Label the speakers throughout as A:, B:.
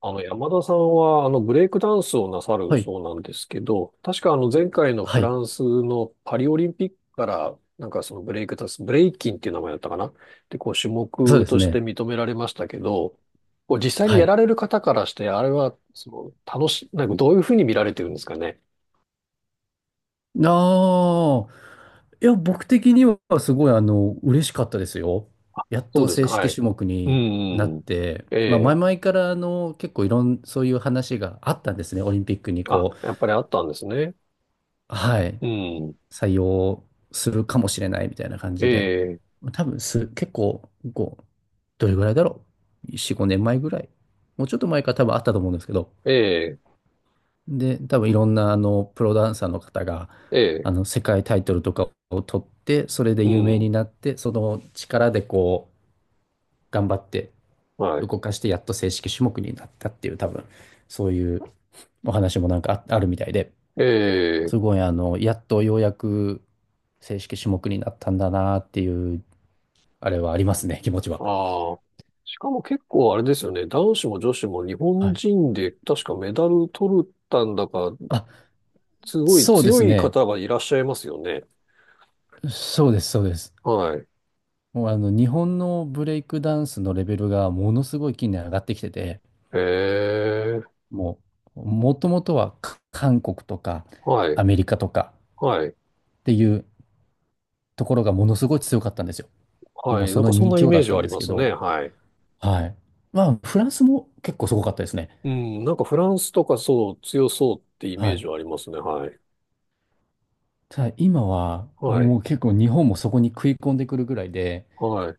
A: 山田さんは、ブレイクダンスをなさる
B: はい。
A: そうなんですけど、確か前回の
B: は
A: フラ
B: い。
A: ンスのパリオリンピックから、なんかそのブレイクダンス、ブレイキンっていう名前だったかな。で、こう、種
B: そう
A: 目
B: です
A: として
B: ね。
A: 認められましたけど、こう、実際に
B: は
A: や
B: い。
A: られる方からして、あれは、その、なんかどういうふうに見られてるんですかね。
B: ああ、いや、僕的にはすごい、嬉しかったですよ。やっ
A: そう
B: と
A: です
B: 正
A: か、は
B: 式
A: い。
B: 種目
A: うん、
B: になっ
A: うん。
B: て、
A: え
B: まあ、前
A: え。
B: 々から、結構いろん、そういう話があったんですね。オリンピックに、
A: あ、
B: こう、
A: やっぱりあったんですね。
B: はい、
A: うん。
B: 採用するかもしれないみたいな感
A: え
B: じで。
A: え、
B: 多分す、結構、こう、どれぐらいだろう。4、5年前ぐらい。もうちょっと前から多分あったと思うんですけど、
A: ええ、
B: で、多分いろんなあのプロダンサーの方が
A: え
B: あ
A: え、
B: の世界タイトルとかを取って、それで
A: う
B: 有名
A: ん。
B: になって、その力でこう頑張って
A: はい。
B: 動かして、やっと正式種目になったっていう、多分そういうお話もあるみたいで、す
A: ええ。
B: ごいあの、やっとようやく正式種目になったんだなっていう、あれはありますね、気持ちは。
A: ああ。しかも結構あれですよね。男子も女子も日
B: は
A: 本
B: い。
A: 人で確かメダル取ったんだか、
B: あ、
A: すごい
B: そうで
A: 強
B: す
A: い
B: ね。
A: 方がいらっしゃいますよね。
B: そうです、そうです。
A: はい。
B: もうあの日本のブレイクダンスのレベルがものすごい近年上がってきてて、
A: へえ。
B: ももともとは韓国とか
A: はい。
B: アメリカとか
A: はい。
B: っていうところがものすごい強かったんですよ。も
A: は
B: う
A: い。な
B: そ
A: ん
B: の
A: かそんなイ
B: 2強
A: メ
B: だ
A: ー
B: っ
A: ジ
B: た
A: は
B: ん
A: あり
B: です
A: ま
B: け
A: すね。
B: ど、
A: はい。
B: はい。まあ、フランスも結構すごかったですね。
A: うん。なんかフランスとかそう、強そうってイメ
B: は
A: ー
B: い。
A: ジはありますね。はい。
B: ただ今は、
A: はい。
B: もう結構日本もそこに食い込んでくるぐらいで、
A: はい。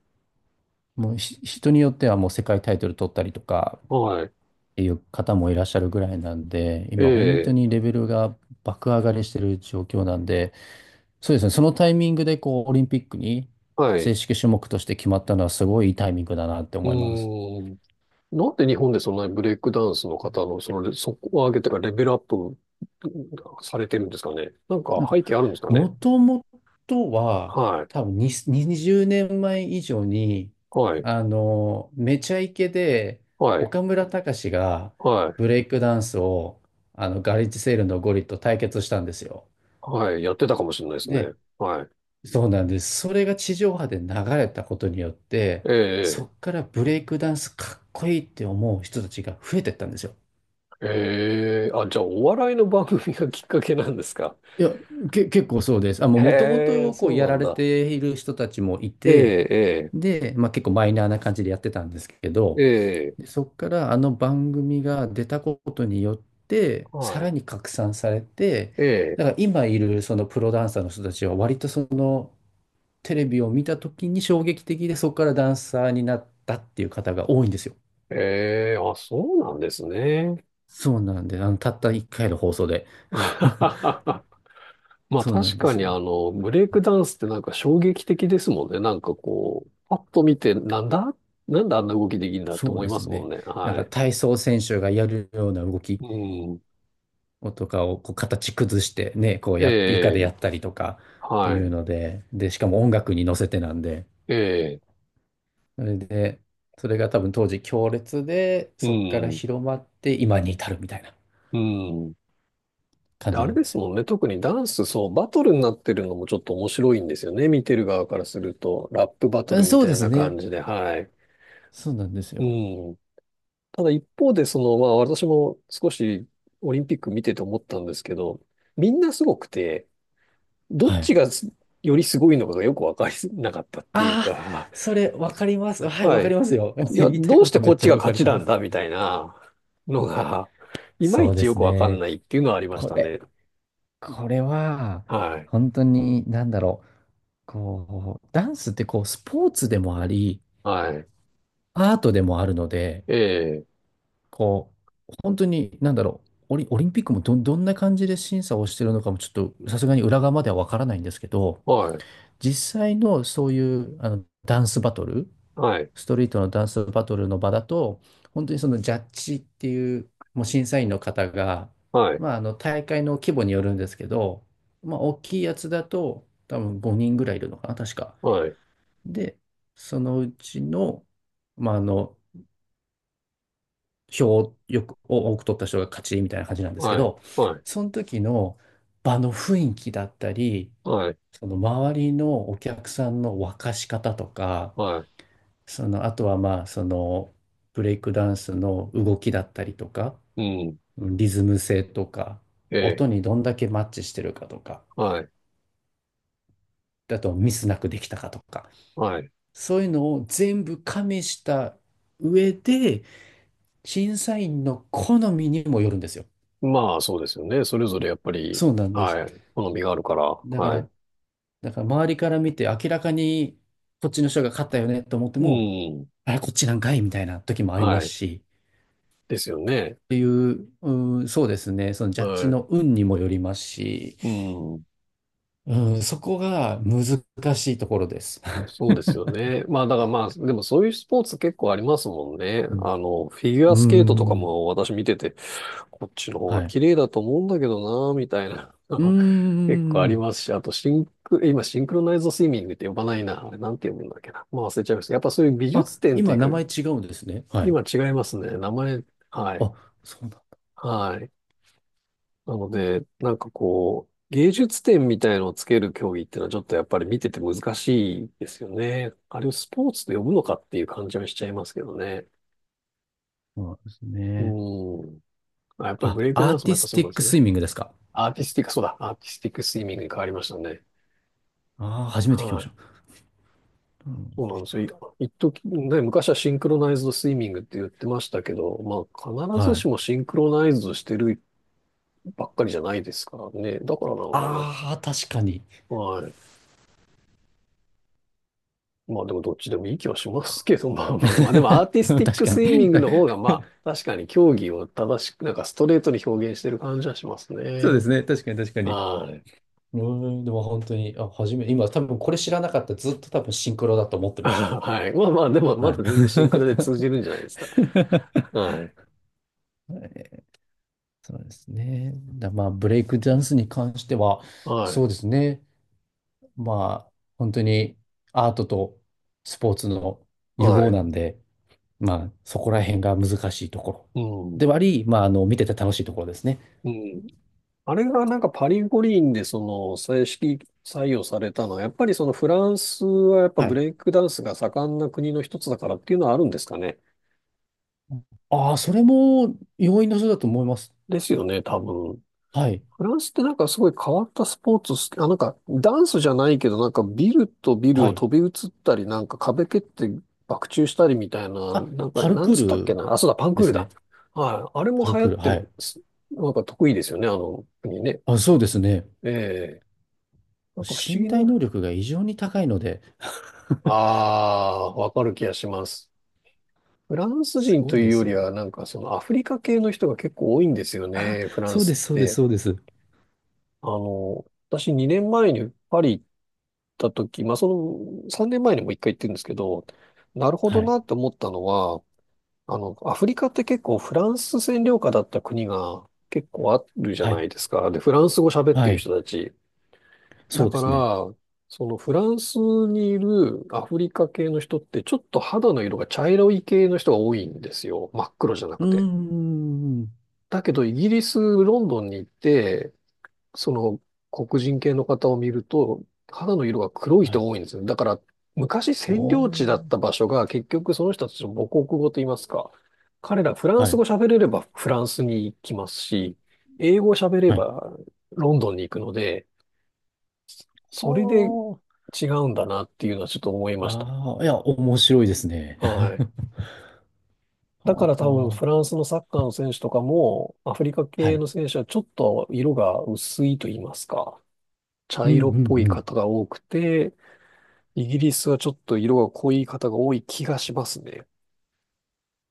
B: もうひ人によってはもう世界タイトル取ったりとかっ
A: はい。
B: ていう方もいらっしゃるぐらいなんで、
A: え
B: 今本当
A: え。
B: にレベルが爆上がりしてる状況なんで、そうですね。そのタイミングで、こう、オリンピックに
A: はい。
B: 正
A: う
B: 式種目として決まったのは、すごいいいタイミングだなって
A: ー
B: 思います。
A: ん。なんで日本でそんなにブレイクダンスの方の、その、そこを上げてかレベルアップされてるんですかね。なん
B: な
A: か
B: んか、
A: 背景あるんですかね。
B: もともとは、
A: はい。
B: 多分に20年前以上に、
A: はい。
B: めちゃイケで、
A: はい。
B: 岡村隆史が
A: はい。
B: ブレイクダンスを、ガレージセールのゴリと対決したんですよ。
A: はい。やってたかもしれないですね。
B: で、
A: はい。
B: そうなんです。それが地上波で流れたことによって、そ
A: え
B: っからブレイクダンスかっこいいって思う人たちが増えてったんですよ。
A: え、ええ、あ、じゃあお笑いの番組がきっかけなんですか？
B: いや、結構そうです。あ、もう
A: へ
B: 元
A: え、
B: 々こう
A: そう
B: や
A: な
B: ら
A: ん
B: れ
A: だ。
B: ている人たちもい
A: え
B: て、
A: え、
B: で、まあ、結構マイナーな感じでやってたんですけ
A: え
B: ど、
A: え、ええ、
B: でそこからあの番組が出たことによって、さ
A: は
B: ら
A: い。
B: に拡散されて、
A: え
B: だから今いるそのプロダンサーの人たちは割とそのテレビを見た時に衝撃的で、そこからダンサーになったっていう方が多いんですよ。
A: え、ええ、あ、そうなんですね。
B: そうなんで、あの、たった1回の放送で。
A: まあ
B: そうなん
A: 確
B: で
A: か
B: す
A: に
B: よ。
A: ブレイクダンスってなんか衝撃的ですもんね。なんかこう、パッと見て、なんだなんであんな動きできるんだって
B: そう
A: 思い
B: で
A: ま
B: す
A: すもん
B: ね。
A: ね。
B: なん
A: は
B: か
A: い。
B: 体操選手がやるような動き
A: うん。
B: をとかをこう形崩してね、こうや、床でや
A: ええ、
B: ったりとかって
A: は
B: いう
A: い。
B: ので、で、しかも音楽に乗せてなんで、
A: ええ、
B: それで、それが多分当時強烈で、
A: う
B: そこから
A: ん。
B: 広まって今に至るみたいな
A: うん。
B: 感
A: であ
B: じ
A: れ
B: なん
A: で
B: です
A: す
B: よ。
A: もんね。特にダンス、そう、バトルになってるのもちょっと面白いんですよね。見てる側からすると。ラップバト
B: う
A: ル
B: ん
A: み
B: そう
A: たい
B: です
A: な
B: ね。
A: 感じで、はい。
B: そうなんですよ。
A: うん。ただ一方で、その、まあ私も少しオリンピック見てて思ったんですけど、みんなすごくて、どっ
B: はい。
A: ちがすよりすごいのかがよくわかりなかったっていう
B: ああ、
A: か、
B: それわかります。はい、わ
A: は
B: か
A: い。
B: りますよ。
A: い や、
B: 言いたい
A: どう
B: こ
A: して
B: とめ
A: こ
B: っ
A: っ
B: ち
A: ち
B: ゃ
A: が
B: わか
A: 勝
B: り
A: ちな
B: ま
A: ん
B: す。
A: だみたいなのが、いま
B: そ
A: い
B: うで
A: ちよ
B: す
A: くわかん
B: ね。
A: ないっていうのはありまし
B: こ
A: たね。
B: れ、これは、
A: はい。
B: 本当に、なんだろう。こう、ダンスってこう、スポーツでもあり、
A: はい。
B: アートでもあるので、
A: ええ。
B: こう、本当に、なんだろう、オリンピックもどんな感じで審査をしてるのかもちょっとさすがに裏側まではわからないんですけど、
A: はい。
B: 実際のそういうあのダンスバトル、
A: はい。
B: ストリートのダンスバトルの場だと、本当にそのジャッジっていう、もう審査員の方が、
A: はい。
B: まあ、あの大会の規模によるんですけど、まあ、大きいやつだと多分5人ぐらいいるのかな、確か。
A: はい。
B: で、そのうちの、まあ、あの、票を多く取った人が勝ちみたいな感じなんですけ
A: はい。
B: ど、
A: はい。
B: その時の場の雰囲気だったり、
A: はい。
B: その周りのお客さんの沸かし方とか、
A: は
B: その、あとはまあ、その、ブレイクダンスの動きだったりとか、
A: い。うん。
B: うんリズム性とか、
A: え
B: 音
A: え。
B: にどんだけマッチしてるかとか、
A: はい。
B: あとミスなくできたかとか、
A: はい。
B: そういうのを全部加味した上で、審査員の好みにもよるんですよ。
A: まあ、そうですよね。それぞれやっぱり、
B: そうなんです。
A: はい。好みがあるから、
B: だか
A: はい。
B: ら、だから周りから見て明らかにこっちの人が勝ったよねと思って
A: う
B: も、
A: ん。
B: あれ、こっちなんかいみたいな時もありま
A: は
B: す
A: い。
B: し、
A: ですよね。
B: っていう、うん、そうですね、そのジャッジ
A: は
B: の運にもよりますし、
A: い。うん。
B: うん、そこが難しいところです。
A: そう ですよね。まあだからまあ、でもそういうスポーツ結構ありますもんね。
B: うん、
A: フィギュ
B: う
A: ア
B: ー
A: スケートとか
B: ん
A: も私見てて、こっちの方
B: は
A: が
B: い。
A: 綺麗だと思うんだけどな、みたいな。
B: うー
A: 結構あり
B: ん。
A: ますし、あとシンク、今シンクロナイズドスイミングって呼ばないな。あれなんて呼ぶんだっけな。まあ忘れちゃいました。やっぱそういう美
B: あ、
A: 術展とい
B: 今
A: う
B: 名
A: か、
B: 前違うんですね。はい。
A: 今違いますね。名前、はい。
B: あ、そうだ。
A: はい。なので、なんかこう、芸術点みたいのをつける競技っていうのはちょっとやっぱり見てて難しいですよね。あれをスポーツと呼ぶのかっていう感じはしちゃいますけどね。
B: そうなんですね。
A: うん。あ、やっぱりブ
B: あ、
A: レイク
B: ア
A: ダ
B: ー
A: ンスも
B: テ
A: や
B: ィ
A: っぱ
B: ス
A: そう
B: テ
A: なん
B: ィッ
A: で
B: ク
A: すよ
B: ス
A: ね。
B: イミングですか。
A: アーティスティック、そうだ、アーティスティックスイミングに変わりましたね。
B: ああ、初めて聞きま
A: は
B: し
A: い。
B: た。うん、
A: そうなんですよ。一時、ね、昔はシンクロナイズドスイミングって言ってましたけど、まあ必ず
B: は
A: し
B: い。
A: もシンクロナイズドしてるばっかりじゃないですからね。だからなのか
B: ああ、確かに。
A: な。はい。まあでもどっちでもいい気は
B: そ
A: し
B: っ
A: ます
B: か。
A: けど、まあまあまあ、でもアー ティスティッ
B: 確
A: ク
B: かに。
A: スイミングの方 がまあ確かに競技を正しく、なんかストレートに表現してる感じはします
B: そうで
A: ね。
B: すね。確かに、確かに。
A: はい。
B: うーん、でも本当に、今多分これ知らなかった。ずっと多分シンクロだと思っ てまし
A: はい。まあまあ、でも
B: た。
A: ま
B: はい。
A: だ全然シンクロで通じるんじゃないですか？はい。
B: そうですね。まあ、ブレイクダンスに関しては、
A: はい。
B: そうですね。まあ、本当にアートとスポーツの融
A: は
B: 合
A: い。
B: なんで、まあ、そこら辺が難しいところ
A: うん。
B: ではあり、まあ、あの、見てて楽しいところですね。
A: うん。あれがなんかパリ五輪でその正式採用されたのは、やっぱりそのフランスはやっぱ
B: は
A: ブ
B: い。
A: レイクダンスが盛んな国の一つだからっていうのはあるんですかね。
B: ああ、それも要因の一つだと思います。
A: ですよね、多分。
B: はい。
A: フランスってなんかすごい変わったスポーツ好き、あ、なんかダンスじゃないけど、なんかビルとビル
B: は
A: を
B: い。
A: 飛び移ったり、なんか壁蹴って爆中したりみたいな、
B: あ、
A: なんか、
B: パル
A: なん
B: クー
A: つったっけ
B: ル
A: な。あ、そうだ、パン
B: で
A: クール
B: す
A: だ。
B: ね。
A: はい。あれ
B: パ
A: も
B: ル
A: 流行
B: ク
A: っ
B: ール。
A: て
B: は
A: ま
B: い。
A: す、なんか得意ですよね、あの国ね。
B: あ、そうですね。
A: ええ。なんか不思
B: 身
A: 議
B: 体
A: な。
B: 能力が異常に高いので
A: ああ、わかる気がします。フラン ス
B: す
A: 人
B: ご
A: と
B: いん
A: い
B: で
A: うよ
B: す
A: り
B: よ。
A: は、なんかそのアフリカ系の人が結構多いんですよ
B: あ、
A: ね、フラン
B: そうで
A: ス
B: す、
A: っ
B: そうです、
A: て。
B: そうです。
A: あの、私2年前にパリ行た時、まあ、その3年前にも一回行ってるんですけど、なるほ
B: は
A: ど
B: い。
A: なって思ったのは、アフリカって結構フランス占領下だった国が結構あるじゃ
B: は
A: な
B: い。
A: いですか。で、フランス語喋って
B: は
A: る
B: い。
A: 人たち。だ
B: そうで
A: か
B: すね。
A: ら、そのフランスにいるアフリカ系の人ってちょっと肌の色が茶色い系の人が多いんですよ。真っ黒じゃな
B: うー
A: くて。
B: ん。
A: だけどイギリス、ロンドンに行って、その黒人系の方を見ると、肌の色が黒い
B: は
A: 人
B: い。
A: が多いんですよ。だから、昔占
B: お
A: 領地だっ
B: ー。
A: た場所が結局その人たちの母国語と言いますか、彼らフラン
B: は
A: ス
B: い。
A: 語喋れればフランスに行きますし、英語喋れ
B: はい。
A: ばロンドンに行くので、それで
B: は
A: 違うんだなっていうのはちょっと思いました。
B: あ。ああ、いや、面白いですね。
A: はい。だか
B: は
A: ら多分フ
B: あ。
A: ランスのサッカーの選手とかも、アフリカ
B: は
A: 系
B: い。
A: の選手はちょっと色が薄いと言いますか、茶
B: うん、う
A: 色っ
B: ん、
A: ぽい
B: うん。
A: 方が多くて、イギリスはちょっと色が濃い方が多い気がしますね。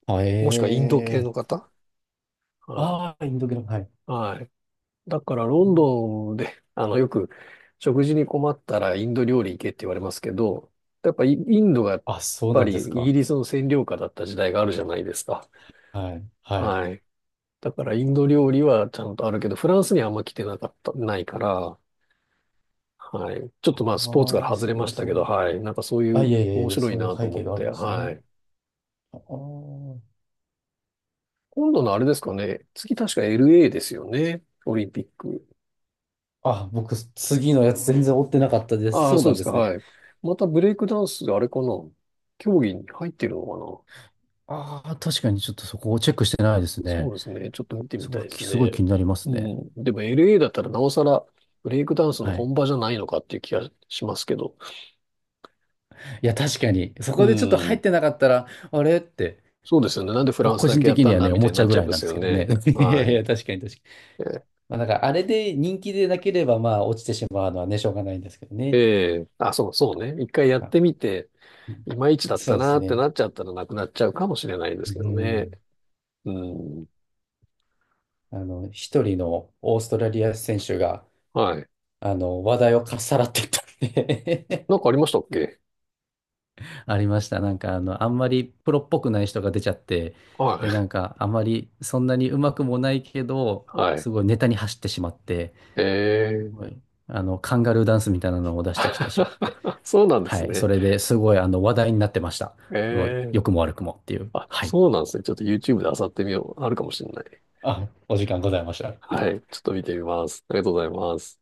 B: あ、
A: もしくはインド系
B: え
A: の方。はい。
B: あインド系の、はい。
A: はい。だからロ
B: う
A: ン
B: ん
A: ドンで、よく食事に困ったらインド料理行けって言われますけど、やっぱインドがやっ
B: あ、そう
A: ぱ
B: なん
A: り
B: です
A: イギ
B: か。
A: リスの占領下だった時代があるじゃないですか。
B: はい、はい。
A: はい。だからインド料理はちゃんとあるけど、フランスにはあんま来てなかった、ないから、はい。ちょっとまあスポーツから
B: ああ、
A: 外
B: す
A: れま
B: ご
A: し
B: い、
A: た
B: そ
A: け
B: う
A: ど、
B: いう。
A: はい。なんかそうい
B: あ、い
A: う
B: えいえ
A: 面
B: いえ、
A: 白い
B: そういう
A: なと
B: 背
A: 思
B: 景
A: っ
B: がある
A: て、
B: んです
A: は
B: ね。
A: い。
B: あ
A: 今度のあれですかね。次確か LA ですよね。オリンピック。
B: あ、あ、僕、次のやつ全然追ってなかったです。
A: ああ、
B: そう
A: そう
B: な
A: で
B: ん
A: す
B: で
A: か。
B: すね。
A: はい。またブレイクダンスがあれかな。競技に入ってるのかな。
B: ああ、確かにちょっとそこをチェックしてないです
A: そ
B: ね。
A: うですね。ちょっと見てみ
B: すご
A: た
B: い、
A: いです
B: すごい
A: ね。
B: 気になりま
A: う
B: すね。
A: ん。でも LA だったらなおさらブレイクダンスの
B: はい。
A: 本場じゃないのかっていう気がしますけど。
B: いや、確かに、そ
A: う
B: こでちょっと入っ
A: ん。
B: てなかったら、あれって、
A: そうですよね。なんでフラ
B: 僕
A: ンス
B: 個
A: だ
B: 人
A: けやっ
B: 的
A: た
B: に
A: ん
B: は
A: だ
B: ね、
A: み
B: 思
A: たい
B: っ
A: に
B: ち
A: な
B: ゃ
A: っ
B: うぐ
A: ちゃ
B: ら
A: い
B: い
A: ま
B: なん
A: す
B: です
A: よ
B: けどね。
A: ね。
B: いや
A: は
B: い
A: い。
B: や、確かに確かに。
A: え
B: まあ、だからあれで人気でなければ、まあ、落ちてしまうのはね、しょうがないんですけど
A: え
B: ね。
A: えあ、そうそうね。一回やっ
B: あ
A: てみて、いまいちだっ
B: そ
A: た
B: うで
A: な
B: す
A: って
B: ね。
A: なっちゃったらなくなっちゃうかもしれないで
B: う
A: すけどね。
B: ん。
A: うん。
B: あの、一人のオーストラリア選手が、
A: はい。
B: あの、話題をかっさらってったんで
A: なんかありましたっけ？
B: ありました。なんか、あの、あんまりプロっぽくない人が出ちゃって、
A: は
B: で、な
A: い。
B: んか、あまりそんなにうまくもないけど、
A: は
B: す
A: い。
B: ごいネタに走ってしまって、
A: え
B: すご
A: ー。
B: いあの、カンガルーダンスみたいなのを出してきてしまって。
A: そうなんで
B: は
A: す
B: い。そ
A: ね。
B: れですごいあの話題になってました。すごい、
A: えー。
B: 良くも悪くもっていう。
A: あ、
B: はい。
A: そうなんですね。ちょっと YouTube で漁ってみよう。あるかもしれない。
B: あ、お時間ございました。
A: はい。ちょっと見てみます。ありがとうございます。